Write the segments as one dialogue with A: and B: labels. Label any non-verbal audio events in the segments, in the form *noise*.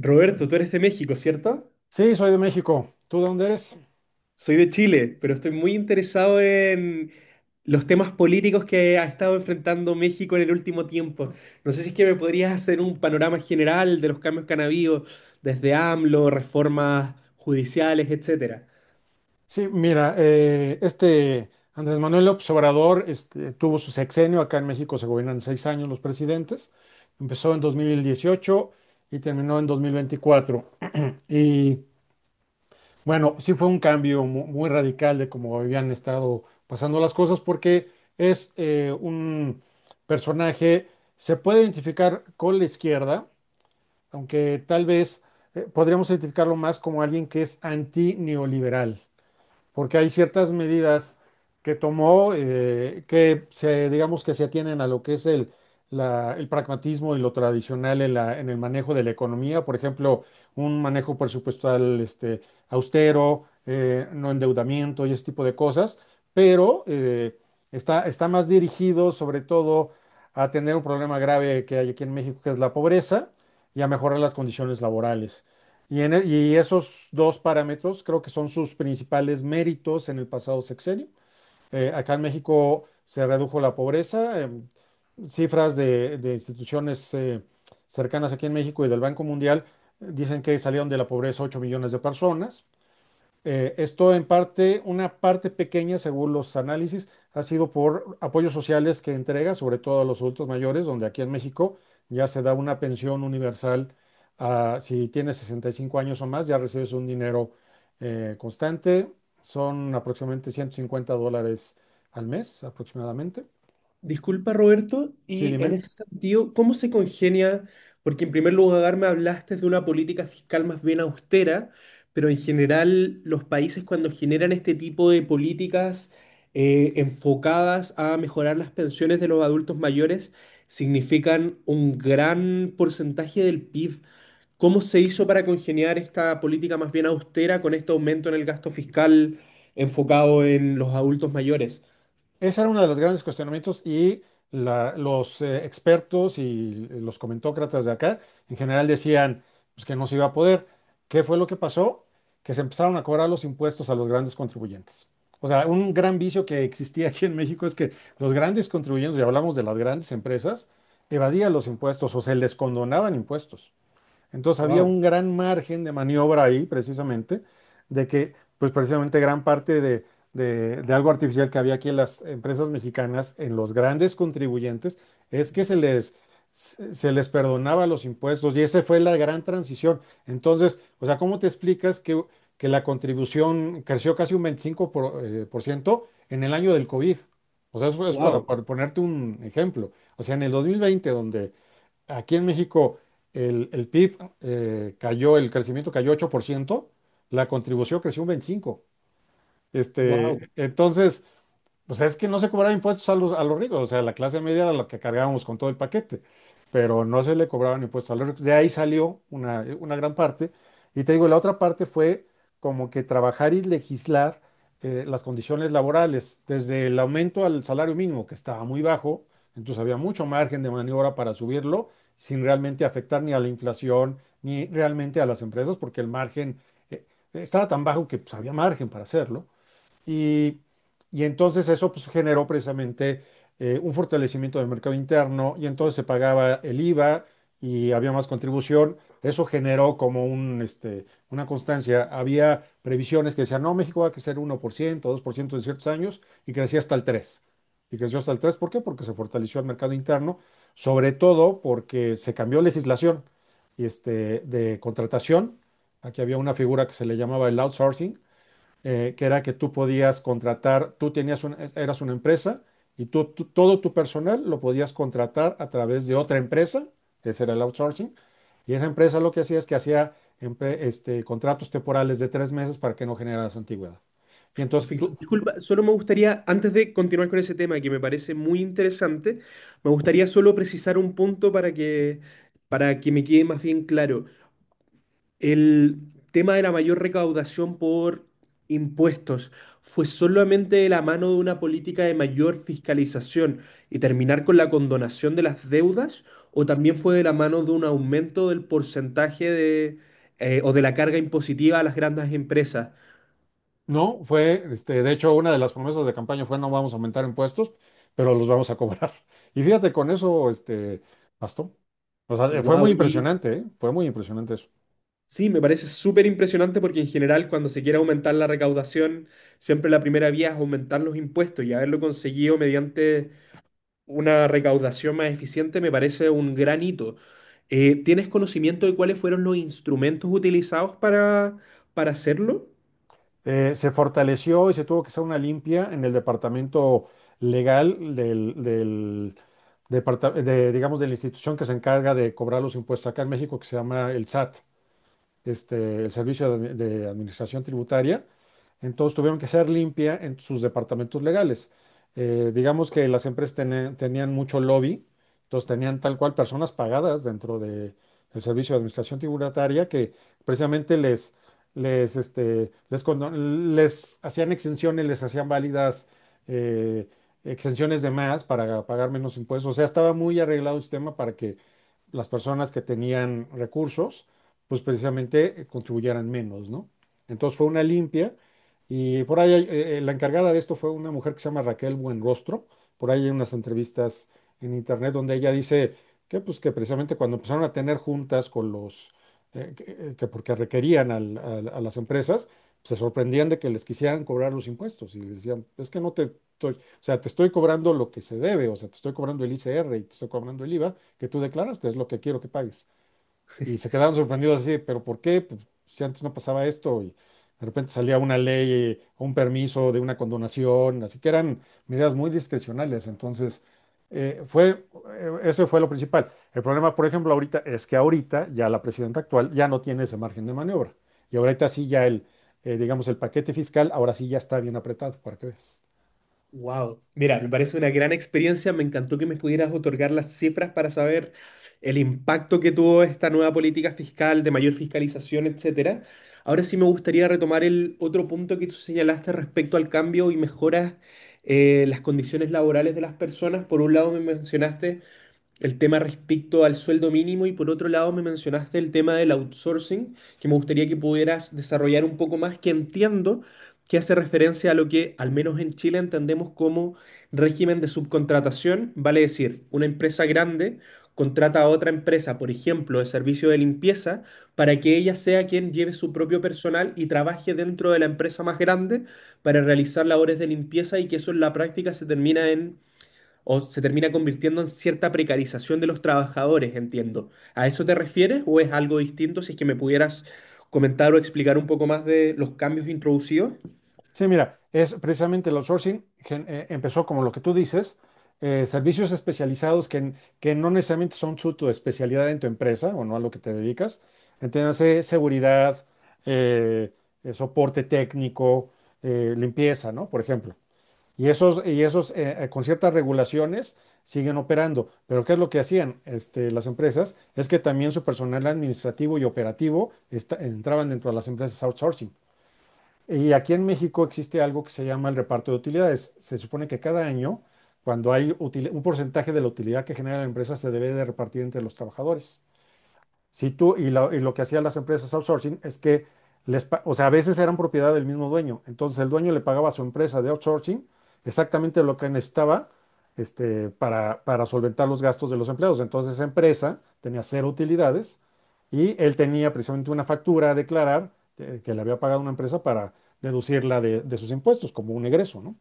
A: Roberto, tú eres de México, ¿cierto?
B: Sí, soy de México. ¿Tú de dónde eres?
A: Soy de Chile, pero estoy muy interesado en los temas políticos que ha estado enfrentando México en el último tiempo. No sé si es que me podrías hacer un panorama general de los cambios que han habido desde AMLO, reformas judiciales, etcétera.
B: Sí, mira, este Andrés Manuel López Obrador este, tuvo su sexenio. Acá en México se gobiernan seis años los presidentes. Empezó en 2018 y terminó en 2024. Y bueno, sí fue un cambio muy radical de cómo habían estado pasando las cosas, porque es un personaje. Se puede identificar con la izquierda, aunque tal vez podríamos identificarlo más como alguien que es antineoliberal, porque hay ciertas medidas que tomó que se, digamos, que se atienen a lo que es el pragmatismo y lo tradicional en en el manejo de la economía. Por ejemplo, un manejo presupuestal, este, austero, no endeudamiento y ese tipo de cosas, pero está más dirigido sobre todo a tener un problema grave que hay aquí en México, que es la pobreza, y a mejorar las condiciones laborales. Y esos dos parámetros creo que son sus principales méritos en el pasado sexenio. Acá en México se redujo la pobreza. Cifras de de instituciones cercanas aquí en México y del Banco Mundial dicen que salieron de la pobreza 8 millones de personas. Esto en parte, una parte pequeña, según los análisis, ha sido por apoyos sociales que entrega, sobre todo a los adultos mayores, donde aquí en México ya se da una pensión universal. Si tienes 65 años o más, ya recibes un dinero constante. Son aproximadamente $150 al mes, aproximadamente.
A: Disculpa, Roberto,
B: Sí,
A: y en
B: dime.
A: ese sentido, ¿cómo se congenia? Porque en primer lugar me hablaste de una política fiscal más bien austera, pero en general los países cuando generan este tipo de políticas enfocadas a mejorar las pensiones de los adultos mayores significan un gran porcentaje del PIB. ¿Cómo se hizo para congeniar esta política más bien austera con este aumento en el gasto fiscal enfocado en los adultos mayores?
B: Ese era uno de los grandes cuestionamientos, y los expertos y los comentócratas de acá en general decían, pues, que no se iba a poder. ¿Qué fue lo que pasó? Que se empezaron a cobrar los impuestos a los grandes contribuyentes. O sea, un gran vicio que existía aquí en México es que los grandes contribuyentes, y hablamos de las grandes empresas, evadían los impuestos o se les condonaban impuestos. Entonces había
A: Wow,
B: un gran margen de maniobra ahí, precisamente, de que, pues, precisamente gran parte de de algo artificial que había aquí en las empresas mexicanas, en los grandes contribuyentes, es que se les perdonaba los impuestos, y esa fue la gran transición. Entonces, o sea, ¿cómo te explicas que la contribución creció casi un 25 por ciento en el año del COVID? O sea, eso es para
A: wow,
B: para ponerte un ejemplo. O sea, en el 2020, donde aquí en México el PIB cayó, el crecimiento cayó 8%, la contribución creció un 25%. Este,
A: wow.
B: entonces, pues es que no se cobraban impuestos a los ricos. O sea, la clase media era la que cargábamos con todo el paquete, pero no se le cobraban impuestos a los ricos. De ahí salió una gran parte. Y te digo, la otra parte fue como que trabajar y legislar las condiciones laborales, desde el aumento al salario mínimo, que estaba muy bajo. Entonces había mucho margen de maniobra para subirlo sin realmente afectar ni a la inflación ni realmente a las empresas, porque el margen, eh, estaba tan bajo, que, pues, había margen para hacerlo. Y, y entonces eso, pues, generó precisamente un fortalecimiento del mercado interno, y entonces se pagaba el IVA y había más contribución. Eso generó como este, una constancia. Había previsiones que decían, no, México va a crecer 1%, 2% en ciertos años, y crecía hasta el 3%. Y creció hasta el 3%, ¿por qué? Porque se fortaleció el mercado interno, sobre todo porque se cambió legislación, este, de contratación. Aquí había una figura que se le llamaba el outsourcing, que era que tú podías contratar. Tú tenías eras una empresa, y todo tu personal lo podías contratar a través de otra empresa. Ese era el outsourcing, y esa empresa lo que hacía es que hacía contratos temporales de 3 meses para que no generaras antigüedad. Y entonces
A: Perfecto.
B: tú,
A: Disculpa, solo me gustaría, antes de continuar con ese tema que me parece muy interesante, me gustaría solo precisar un punto para que me quede más bien claro. El tema de la mayor recaudación por impuestos fue solamente de la mano de una política de mayor fiscalización y terminar con la condonación de las deudas, o también fue de la mano de un aumento del porcentaje o de la carga impositiva a las grandes empresas.
B: no, fue, este, de hecho, una de las promesas de campaña fue, no vamos a aumentar impuestos, pero los vamos a cobrar. *laughs* Y fíjate, con eso, este, bastó. O sea, fue muy
A: Wow,
B: impresionante, ¿eh? Fue muy impresionante eso.
A: sí, me parece súper impresionante porque en general cuando se quiere aumentar la recaudación, siempre la primera vía es aumentar los impuestos y haberlo conseguido mediante una recaudación más eficiente me parece un gran hito. ¿Tienes conocimiento de cuáles fueron los instrumentos utilizados para hacerlo?
B: Se fortaleció, y se tuvo que hacer una limpia en el departamento legal del digamos, de la institución que se encarga de cobrar los impuestos acá en México, que se llama el SAT, este, el servicio de de administración tributaria. Entonces tuvieron que hacer limpia en sus departamentos legales. Digamos que las empresas tenían mucho lobby, entonces tenían tal cual personas pagadas dentro del servicio de administración tributaria, que precisamente les hacían exenciones, les hacían válidas eh, exenciones de más para pagar menos impuestos. O sea, estaba muy arreglado el sistema para que las personas que tenían recursos, pues, precisamente contribuyeran menos, ¿no? Entonces fue una limpia, y por ahí la encargada de esto fue una mujer que se llama Raquel Buenrostro. Por ahí hay unas entrevistas en internet donde ella dice que, pues, que precisamente cuando empezaron a tener juntas con que porque requerían a las empresas, se sorprendían de que les quisieran cobrar los impuestos, y les decían, es que no te... estoy- o sea, te estoy cobrando lo que se debe. O sea, te estoy cobrando el ICR, y te estoy cobrando el IVA que tú declaraste. Es lo que quiero que pagues. Y se quedaron sorprendidos así, pero ¿por qué? Pues, si antes no pasaba esto, y de repente salía una ley, un permiso de una condonación, así que eran medidas muy discrecionales. Entonces, eh, fue, eso fue lo principal. El problema, por ejemplo, ahorita, es que ahorita ya la presidenta actual ya no tiene ese margen de maniobra. Y ahorita sí, ya digamos, el paquete fiscal, ahora sí ya está bien apretado, para que veas.
A: Wow, mira, me parece una gran experiencia. Me encantó que me pudieras otorgar las cifras para saber el impacto que tuvo esta nueva política fiscal de mayor fiscalización, etcétera. Ahora sí me gustaría retomar el otro punto que tú señalaste respecto al cambio y mejoras las condiciones laborales de las personas. Por un lado me mencionaste el tema respecto al sueldo mínimo y por otro lado me mencionaste el tema del outsourcing, que me gustaría que pudieras desarrollar un poco más, que entiendo que hace referencia a lo que al menos en Chile entendemos como régimen de subcontratación, vale decir, una empresa grande contrata a otra empresa, por ejemplo, de servicio de limpieza, para que ella sea quien lleve su propio personal y trabaje dentro de la empresa más grande para realizar labores de limpieza y que eso en la práctica se termina en o se termina convirtiendo en cierta precarización de los trabajadores, entiendo. ¿A eso te refieres o es algo distinto? Si es que me pudieras comentar o explicar un poco más de los cambios introducidos.
B: Sí, mira, es precisamente el outsourcing, empezó como lo que tú dices, servicios especializados que no necesariamente son su tu especialidad en tu empresa, o no a lo que te dedicas. Entiéndase seguridad, eh, soporte técnico, limpieza, ¿no? Por ejemplo. Y esos con ciertas regulaciones siguen operando. Pero ¿qué es lo que hacían, este, las empresas? Es que también su personal administrativo y operativo entraban dentro de las empresas outsourcing. Y aquí en México existe algo que se llama el reparto de utilidades. Se supone que cada año, cuando hay un porcentaje de la utilidad que genera la empresa, se debe de repartir entre los trabajadores. Si tú, y, la- y lo que hacían las empresas outsourcing es que o sea, a veces eran propiedad del mismo dueño. Entonces el dueño le pagaba a su empresa de outsourcing exactamente lo que necesitaba, este, para solventar los gastos de los empleados. Entonces esa empresa tenía cero utilidades, y él tenía precisamente una factura a declarar que le había pagado una empresa para deducirla de sus impuestos como un egreso, ¿no?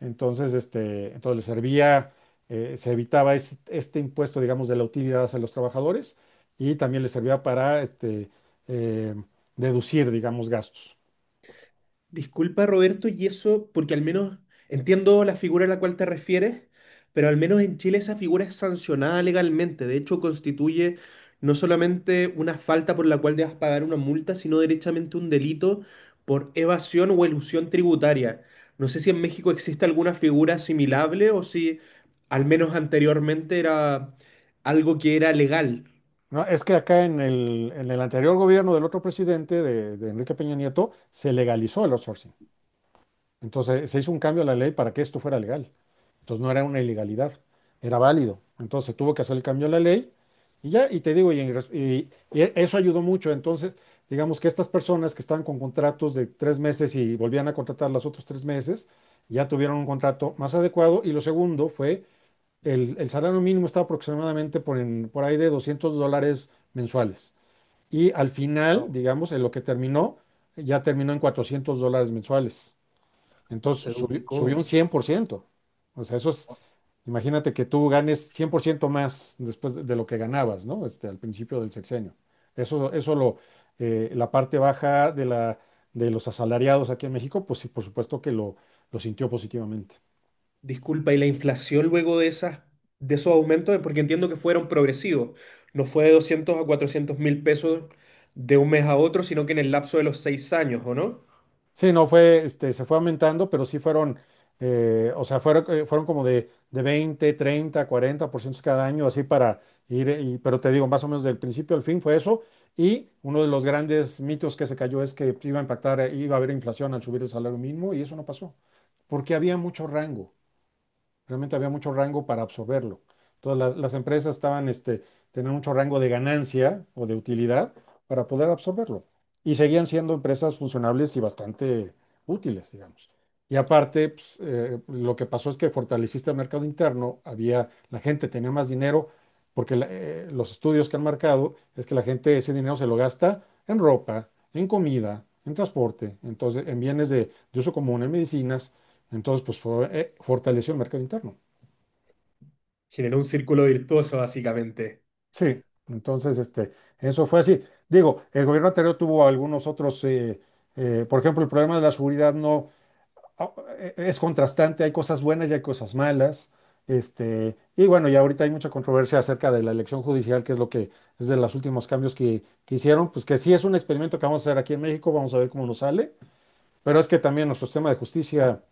B: Entonces, este, entonces les servía, se evitaba impuesto, digamos, de la utilidad hacia los trabajadores, y también les servía para eh, deducir, digamos, gastos.
A: Disculpa, Roberto, y eso, porque al menos entiendo la figura a la cual te refieres, pero al menos en Chile esa figura es sancionada legalmente. De hecho, constituye no solamente una falta por la cual debas pagar una multa, sino derechamente un delito por evasión o elusión tributaria. No sé si en México existe alguna figura asimilable o si al menos anteriormente era algo que era legal.
B: No, es que acá en el anterior gobierno del otro presidente, de Enrique Peña Nieto, se legalizó el outsourcing. Entonces se hizo un cambio a la ley para que esto fuera legal. Entonces no era una ilegalidad, era válido. Entonces tuvo que hacer el cambio a la ley, y ya, y te digo, y, en res- y e- eso ayudó mucho. Entonces, digamos que estas personas que estaban con contratos de 3 meses, y volvían a contratar los otros 3 meses, ya tuvieron un contrato más adecuado. Y lo segundo fue, el salario mínimo estaba aproximadamente por ahí de $200 mensuales. Y al final,
A: Wow,
B: digamos, en lo que terminó, ya terminó en $400 mensuales.
A: se
B: Entonces subió un
A: duplicó.
B: 100%. O sea, eso es, imagínate que tú ganes 100% más después de lo que ganabas, ¿no? Este, al principio del sexenio. Eso la parte baja de de los asalariados aquí en México, pues sí, por supuesto que lo sintió positivamente.
A: Disculpa, y la inflación luego de esas, de esos aumentos, porque entiendo que fueron progresivos, no fue de 200 a 400.000 pesos de un mes a otro, sino que en el lapso de los 6 años, ¿o no?
B: Sí, no fue, este, se fue aumentando, pero sí o sea, fueron como de veinte, treinta, cuarenta por 40% cada año, así para ir, pero te digo, más o menos del principio al fin fue eso. Y uno de los grandes mitos que se cayó es que iba a impactar, iba a haber inflación al subir el salario mínimo, y eso no pasó, porque había mucho rango. Realmente había mucho rango para absorberlo. Todas las empresas tenían mucho rango de ganancia o de utilidad para poder absorberlo. Y seguían siendo empresas funcionables y bastante útiles, digamos. Y aparte, pues, lo que pasó es que fortaleciste el mercado interno, la gente tenía más dinero, porque los estudios que han marcado es que la gente ese dinero se lo gasta en ropa, en comida, en transporte, entonces en bienes de uso común, en medicinas. Entonces, pues, fortaleció el mercado interno.
A: Generó un círculo virtuoso, básicamente.
B: Sí, entonces, este, eso fue así. Digo, el gobierno anterior tuvo algunos otros, por ejemplo, el problema de la seguridad, no, ah, es contrastante, hay cosas buenas y hay cosas malas. Este, y bueno, y ahorita hay mucha controversia acerca de la elección judicial, que es lo que es de los últimos cambios que hicieron, pues, que sí es un experimento que vamos a hacer aquí en México. Vamos a ver cómo nos sale, pero es que también nuestro sistema de justicia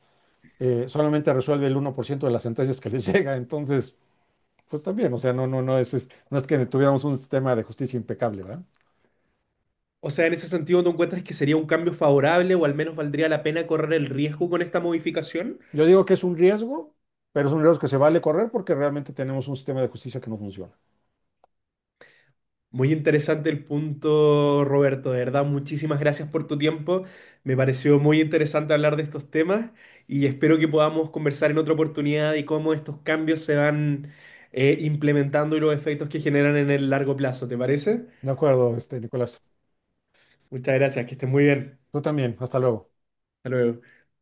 B: solamente resuelve el 1% de las sentencias que les *laughs* llega. Entonces, pues también, o sea, no, no, no es que tuviéramos un sistema de justicia impecable, ¿verdad?
A: O sea, en ese sentido, ¿tú encuentras que sería un cambio favorable o al menos valdría la pena correr el riesgo con esta modificación?
B: Yo digo que es un riesgo, pero es un riesgo que se vale correr, porque realmente tenemos un sistema de justicia que no funciona.
A: Muy interesante el punto, Roberto. De verdad, muchísimas gracias por tu tiempo. Me pareció muy interesante hablar de estos temas y espero que podamos conversar en otra oportunidad y cómo estos cambios se van implementando y los efectos que generan en el largo plazo. ¿Te parece?
B: De acuerdo, este, Nicolás.
A: Muchas gracias, que estés muy bien.
B: Tú también, hasta luego.
A: Hasta luego.